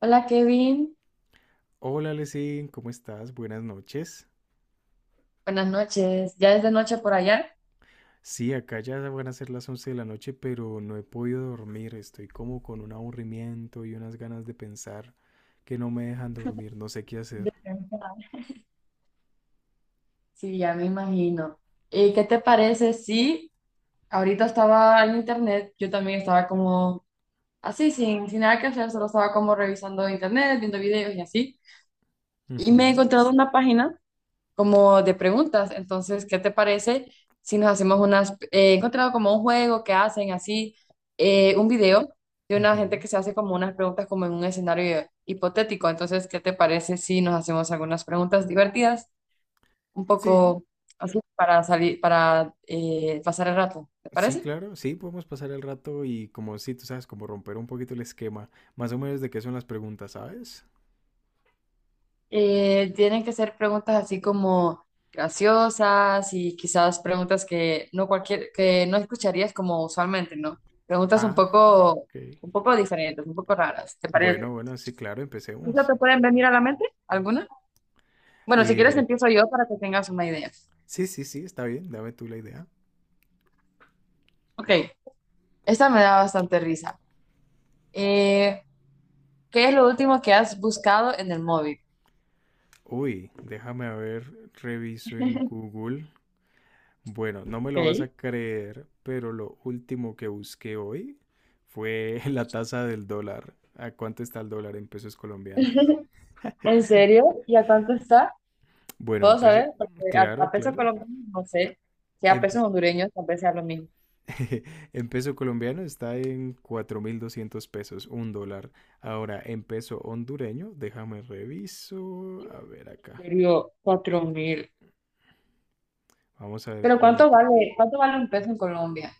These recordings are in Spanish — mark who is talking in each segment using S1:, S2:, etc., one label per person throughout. S1: Hola, Kevin,
S2: Hola, Lesin, ¿cómo estás? Buenas noches.
S1: buenas noches. ¿Ya es de noche por allá?
S2: Sí, acá ya van a ser las 11 de la noche, pero no he podido dormir. Estoy como con un aburrimiento y unas ganas de pensar que no me dejan dormir. No sé qué
S1: De
S2: hacer.
S1: temprano. Sí, ya me imagino. ¿Y qué te parece si ahorita estaba en internet? Yo también estaba como así, sin nada que hacer, solo estaba como revisando internet, viendo videos y así. Y me he
S2: Ujú,
S1: encontrado una página como de preguntas. Entonces, ¿qué te parece si nos hacemos unas? He encontrado como un juego que hacen así. Un video de una gente
S2: ujú.
S1: que se hace como unas preguntas como en un escenario hipotético. Entonces, ¿qué te parece si nos hacemos algunas preguntas divertidas, un
S2: Sí,
S1: poco así para salir, para pasar el rato? ¿Te
S2: sí,
S1: parece?
S2: claro. Sí, podemos pasar el rato y como sí, tú sabes, como romper un poquito el esquema. Más o menos de qué son las preguntas, ¿sabes?
S1: Tienen que ser preguntas así como graciosas y quizás preguntas que no cualquier, que no escucharías como usualmente, ¿no? Preguntas
S2: Ah, ok.
S1: un poco diferentes, un poco raras, ¿te
S2: Bueno,
S1: parece?
S2: bueno, sí, claro,
S1: ¿Quizás
S2: empecemos.
S1: te pueden venir a la mente alguna? Bueno, si quieres
S2: Eh,
S1: empiezo yo para que tengas una idea.
S2: sí, sí, sí, está bien. Dame tú la idea.
S1: Ok, esta me da bastante risa. Eh, ¿Qué es lo último que has buscado en el móvil?
S2: Uy, déjame a ver, reviso en Google. Bueno, no me lo vas
S1: Ok.
S2: a creer, pero lo último que busqué hoy fue la tasa del dólar. ¿A cuánto está el dólar en pesos colombianos?
S1: ¿En serio? ¿Y a cuánto está?
S2: Bueno,
S1: ¿Puedo saber? Porque a,
S2: claro,
S1: a pesos
S2: claro.
S1: colombianos no sé. Si a
S2: En,
S1: pesos
S2: pe-
S1: hondureños tal vez sea lo mismo.
S2: en peso colombiano está en 4.200 pesos, un dólar. Ahora, en peso hondureño, déjame reviso. A ver acá.
S1: Perdió 4.000.
S2: Vamos a ver
S1: Pero
S2: cuánto.
S1: cuánto vale un peso en Colombia?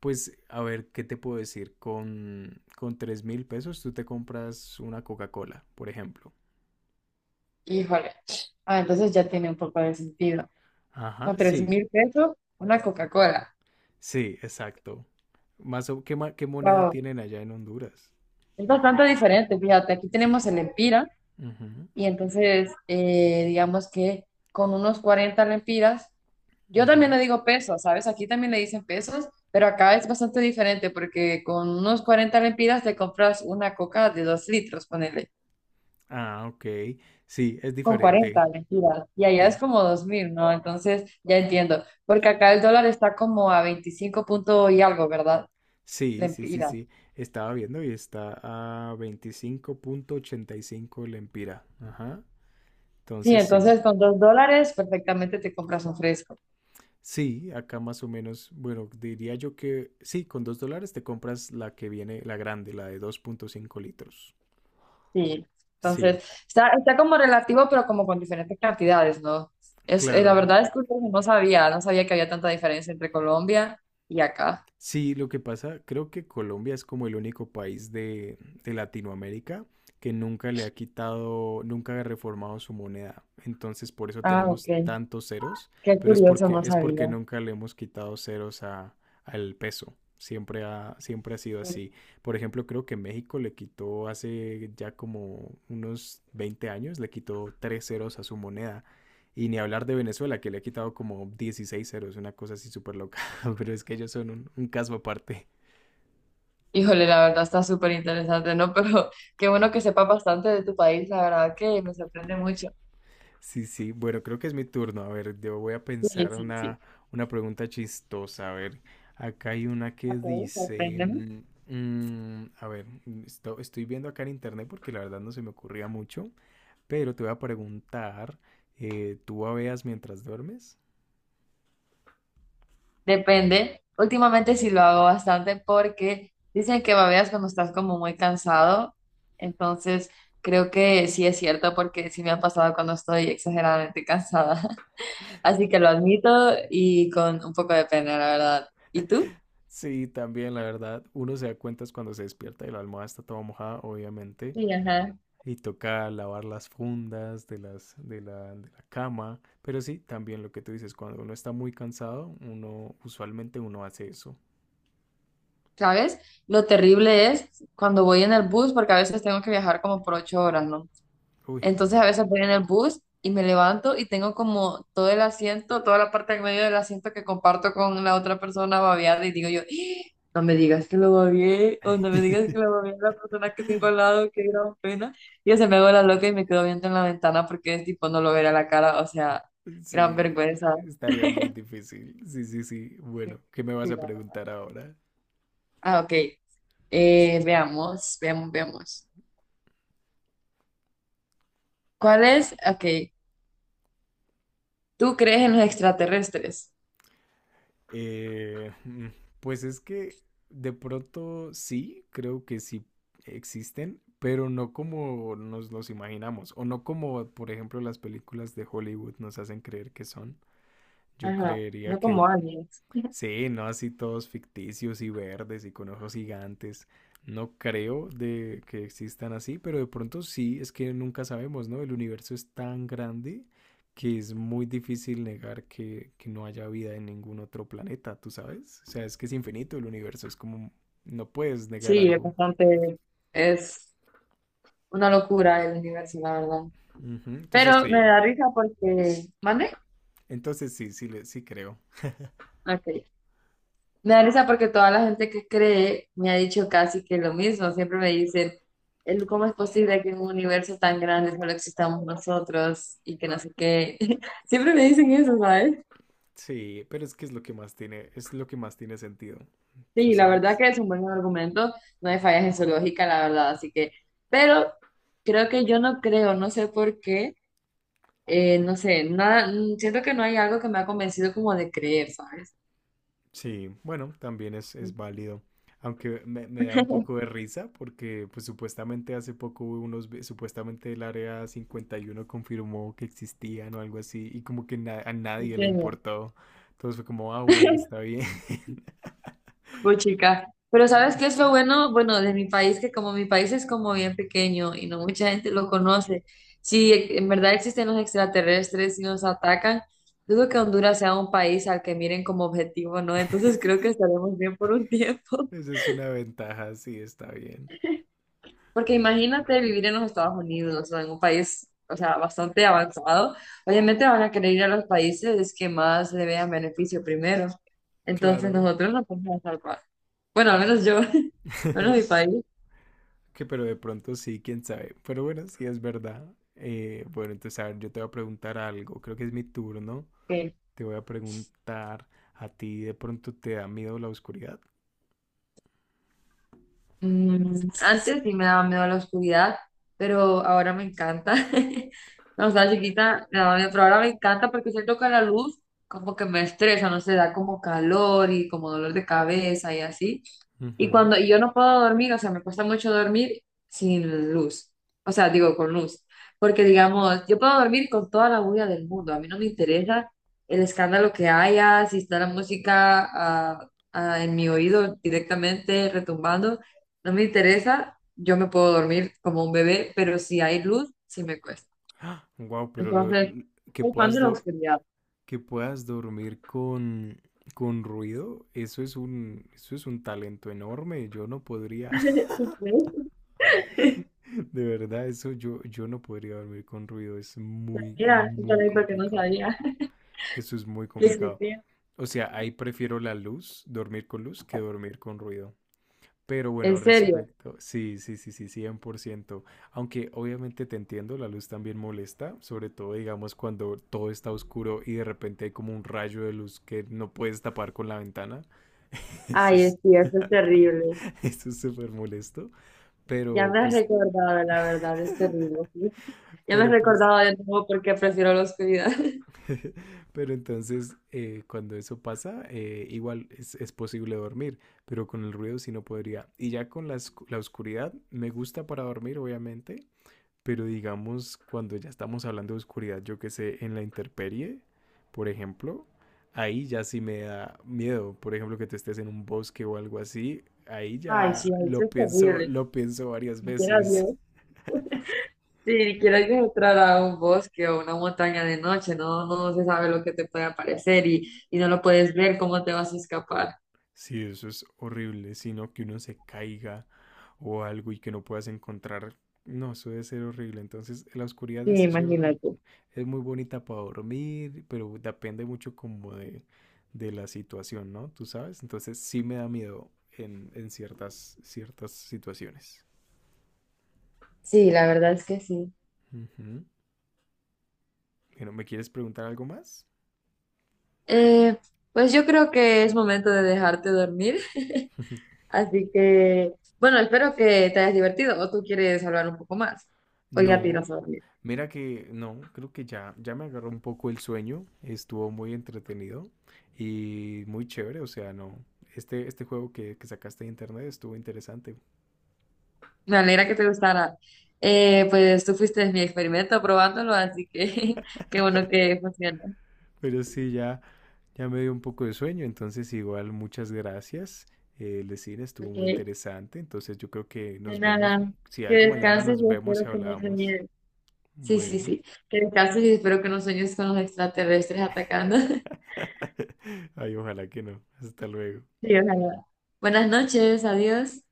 S2: Pues, a ver, ¿qué te puedo decir? Con 3.000 pesos tú te compras una Coca-Cola, por ejemplo.
S1: Híjole. Ah, entonces ya tiene un poco de sentido.
S2: Ajá,
S1: Con tres
S2: sí,
S1: mil pesos, una Coca-Cola.
S2: sí, exacto. Más o, ¿qué, ma- ¿Qué moneda
S1: Wow.
S2: tienen allá en Honduras?
S1: Es bastante diferente, fíjate. Aquí tenemos el Empira,
S2: Ujú,
S1: y entonces digamos que con unos 40 lempiras, yo también
S2: ujú.
S1: le digo pesos, ¿sabes? Aquí también le dicen pesos, pero acá es bastante diferente porque con unos 40 lempiras te compras una coca de 2 litros, ponele.
S2: Ah, ok. Sí, es
S1: Con
S2: diferente.
S1: 40, mentira. Y allá es
S2: Creo.
S1: como 2.000, ¿no? Entonces ya entiendo. Porque acá el dólar está como a 25 punto y algo, ¿verdad?
S2: Sí, sí, sí,
S1: Mentira.
S2: sí. Estaba viendo y está a 25,85 lempira. Ajá.
S1: Sí,
S2: Entonces sí.
S1: entonces con 2 dólares perfectamente te compras un fresco.
S2: Sí, acá más o menos, bueno, diría yo que sí, con 2 dólares te compras la que viene, la grande, la de 2,5 litros.
S1: Sí.
S2: Sí,
S1: Entonces está, está como relativo, pero como con diferentes cantidades, ¿no? Es, la
S2: claro.
S1: verdad es que no sabía, no sabía que había tanta diferencia entre Colombia y acá.
S2: Sí, lo que pasa, creo que Colombia es como el único país de Latinoamérica que nunca le ha quitado, nunca ha reformado su moneda. Entonces, por eso
S1: Ah, ok.
S2: tenemos tantos ceros,
S1: Qué
S2: pero es
S1: curioso,
S2: porque,
S1: no
S2: es porque
S1: sabía.
S2: nunca le hemos quitado ceros al peso. Siempre ha sido así. Por ejemplo, creo que México le quitó hace ya como unos 20 años, le quitó tres ceros a su moneda. Y ni hablar de Venezuela, que le ha quitado como 16 ceros, una cosa así súper loca. Pero es que ellos son un caso aparte.
S1: Híjole, la verdad está súper interesante, ¿no? Pero qué bueno que sepa bastante de tu país, la verdad que me sorprende mucho.
S2: Sí, sí. Bueno, creo que es mi turno. A ver, yo voy a
S1: Sí,
S2: pensar
S1: sí, sí.
S2: una pregunta chistosa. A ver, acá hay una que
S1: Ok,
S2: dice,
S1: sorpréndeme.
S2: a ver, estoy viendo acá en internet porque la verdad no se me ocurría mucho. Pero te voy a preguntar, ¿tú babeas mientras duermes?
S1: Depende. Últimamente sí lo hago bastante porque dicen que babeas cuando estás como muy cansado. Entonces, creo que sí es cierto porque sí me ha pasado cuando estoy exageradamente cansada. Así que lo admito y con un poco de pena, la verdad. ¿Y tú?
S2: Sí, también la verdad. Uno se da cuenta es cuando se despierta y la almohada está toda mojada, obviamente.
S1: Sí, ajá.
S2: Y toca lavar las fundas de la cama. Pero sí, también lo que tú dices, cuando uno está muy cansado, uno usualmente uno hace eso.
S1: ¿Sabes? Lo terrible es cuando voy en el bus, porque a veces tengo que viajar como por 8 horas, ¿no?
S2: Uy.
S1: Entonces a veces voy en el bus y me levanto y tengo como todo el asiento, toda la parte del medio del asiento que comparto con la otra persona babeada y digo yo: "Ah, no me digas que lo babeé o no me digas que lo babeé a la persona que tengo al lado, qué gran pena". Y yo se me hago la loca y me quedo viendo en la ventana porque es tipo no lo veré a la cara, o sea, gran
S2: Sí,
S1: vergüenza.
S2: estaría muy difícil. Sí, sí, sí.
S1: Sí,
S2: Bueno, ¿qué me vas
S1: sí,
S2: a
S1: la verdad.
S2: preguntar ahora?
S1: Ah, ok. Veamos, veamos, veamos. ¿Cuál es? Ok, ¿tú crees en los extraterrestres?
S2: Eh, mm, pues es que de pronto sí, creo que sí existen, pero no como nos los imaginamos, o no como, por ejemplo, las películas de Hollywood nos hacen creer que son. Yo
S1: Ajá,
S2: creería
S1: no
S2: que
S1: como aliens.
S2: sí, ¿no? Así todos ficticios y verdes y con ojos gigantes. No creo de que existan así, pero de pronto sí, es que nunca sabemos, ¿no? El universo es tan grande que es muy difícil negar que no haya vida en ningún otro planeta, ¿tú sabes? O sea, es que es infinito el universo, es como, no puedes negar
S1: Sí, es
S2: algo.
S1: bastante, es una locura el universo, la verdad.
S2: Ujú. Entonces
S1: Pero me
S2: sí,
S1: da risa porque, ¿mande?
S2: entonces sí, sí, le- sí creo.
S1: Ok, me da risa porque toda la gente que cree me ha dicho casi que lo mismo. Siempre me dicen, ¿cómo es posible que en un universo tan grande solo existamos nosotros y que no sé qué? Siempre me dicen eso, ¿sabes?
S2: Sí, pero es que es lo que más tiene sentido, ¿tú
S1: Sí, la verdad
S2: sabes?
S1: que es un buen argumento, no hay fallas en su lógica, la verdad, así que, pero creo que yo no creo, no sé por qué, no sé, nada, siento que no hay algo que me ha convencido como de creer, ¿sabes?
S2: Sí, bueno, también es válido. Aunque me da un poco de risa porque pues supuestamente hace poco hubo unos, supuestamente el Área 51 confirmó que existían o algo así y como que a
S1: En
S2: nadie le
S1: serio.
S2: importó. Entonces fue como, ah, bueno, está bien.
S1: Pues chica, pero ¿sabes qué es lo bueno? Bueno, de mi país, que como mi país es como bien pequeño y no mucha gente lo conoce, si en verdad existen los extraterrestres y nos atacan, dudo que Honduras sea un país al que miren como objetivo, ¿no? Entonces creo que estaremos bien por un tiempo.
S2: Esa es una ventaja, sí, está bien.
S1: Porque imagínate vivir en los Estados Unidos o en un país, o sea, bastante avanzado. Obviamente van a querer ir a los países que más le vean beneficio primero. Entonces
S2: Claro.
S1: nosotros no podemos salvar. Bueno, al menos yo, al menos mi país,
S2: Que pero de pronto sí, quién sabe. Pero bueno, sí es verdad. Bueno, entonces a ver, yo te voy a preguntar algo. Creo que es mi turno.
S1: que
S2: Te voy a preguntar, ¿a ti de pronto te da miedo la oscuridad?
S1: mm, antes sí me daba miedo la oscuridad, pero ahora me encanta. Cuando estaba chiquita, me daba miedo, pero ahora me encanta porque siento que la luz como que me estresa, no sé, da como calor y como dolor de cabeza y así. Y
S2: Ujú.
S1: cuando y yo no puedo dormir, o sea, me cuesta mucho dormir sin luz, o sea, digo, con luz, porque digamos, yo puedo dormir con toda la bulla del mundo, a mí no me interesa el escándalo que haya, si está la música ah, ah, en mi oído directamente retumbando, no me interesa, yo me puedo dormir como un bebé, pero si hay luz, sí me cuesta.
S2: Wow, pero lo,
S1: Entonces,
S2: l- que
S1: soy fan
S2: puedas
S1: de la
S2: dor-
S1: oscuridad.
S2: que puedas dormir con ruido, eso es un talento enorme. Yo no podría, de verdad, eso yo no podría dormir con ruido. Es muy
S1: Mira,
S2: muy
S1: porque no
S2: complicado.
S1: sabía
S2: Eso es muy
S1: que
S2: complicado.
S1: existía.
S2: O sea, ahí prefiero la luz, dormir con luz, que dormir con ruido. Pero bueno,
S1: En serio.
S2: respecto, sí, sí, sí, sí, 100%. Aunque obviamente te entiendo, la luz también molesta, sobre todo digamos cuando todo está oscuro y de repente hay como un rayo de luz que no puedes tapar con la ventana. Eso
S1: Ay,
S2: es,
S1: sí, eso es terrible.
S2: Eso es súper molesto.
S1: Ya
S2: Pero
S1: me has
S2: pues,
S1: recordado, la verdad, es terrible. ¿Sí? Ya me has
S2: pero pues,
S1: recordado de nuevo porque prefiero la oscuridad.
S2: pero entonces cuando eso pasa, igual es posible dormir, pero con el ruido sí no podría. Y ya con la oscuridad, me gusta para dormir, obviamente. Pero digamos, cuando ya estamos hablando de oscuridad, yo que sé, en la intemperie, por ejemplo, ahí ya sí me da miedo. Por ejemplo, que te estés en un bosque o algo así, ahí
S1: Ay,
S2: ya
S1: sí, eso es terrible.
S2: lo pienso varias
S1: Ni siquiera
S2: veces.
S1: Dios. Sí, ni siquiera Dios entrar a un bosque o una montaña de noche, no, no se sabe lo que te puede aparecer y no lo puedes ver, cómo te vas a escapar.
S2: Sí, eso es horrible, sino que uno se caiga o algo y que no puedas encontrar. No, eso debe ser horrible. Entonces, la oscuridad
S1: Sí,
S2: es chévere.
S1: imagínate.
S2: Es muy bonita para dormir, pero depende mucho como de la situación, ¿no? Tú sabes, entonces sí me da miedo en ciertas situaciones.
S1: Sí, la verdad es que sí.
S2: Ujú. Bueno, ¿me quieres preguntar algo más?
S1: Eh, pues yo creo que es momento de dejarte dormir, así que, bueno, espero que te hayas divertido o tú quieres hablar un poco más o ya te
S2: No,
S1: irás a dormir.
S2: mira que no, creo que ya me agarró un poco el sueño, estuvo muy entretenido y muy chévere, o sea, no, este juego que sacaste de internet estuvo interesante,
S1: Me alegra que te gustara. Pues tú fuiste mi experimento probándolo, así que qué bueno que funcionó.
S2: pero sí, Ya, me dio un poco de sueño, entonces igual muchas gracias. El cine estuvo muy
S1: Ok,
S2: interesante, entonces yo creo que
S1: de
S2: nos vemos,
S1: nada.
S2: si
S1: Que
S2: algo mañana
S1: descanses
S2: nos
S1: y
S2: vemos y
S1: espero que no
S2: hablamos.
S1: sueñes. Sí, sí,
S2: Bueno,
S1: sí. Que descanses y espero que no sueñes con los extraterrestres atacando.
S2: ay, ojalá que no. Hasta luego.
S1: Sí, ojalá. Buenas noches, adiós.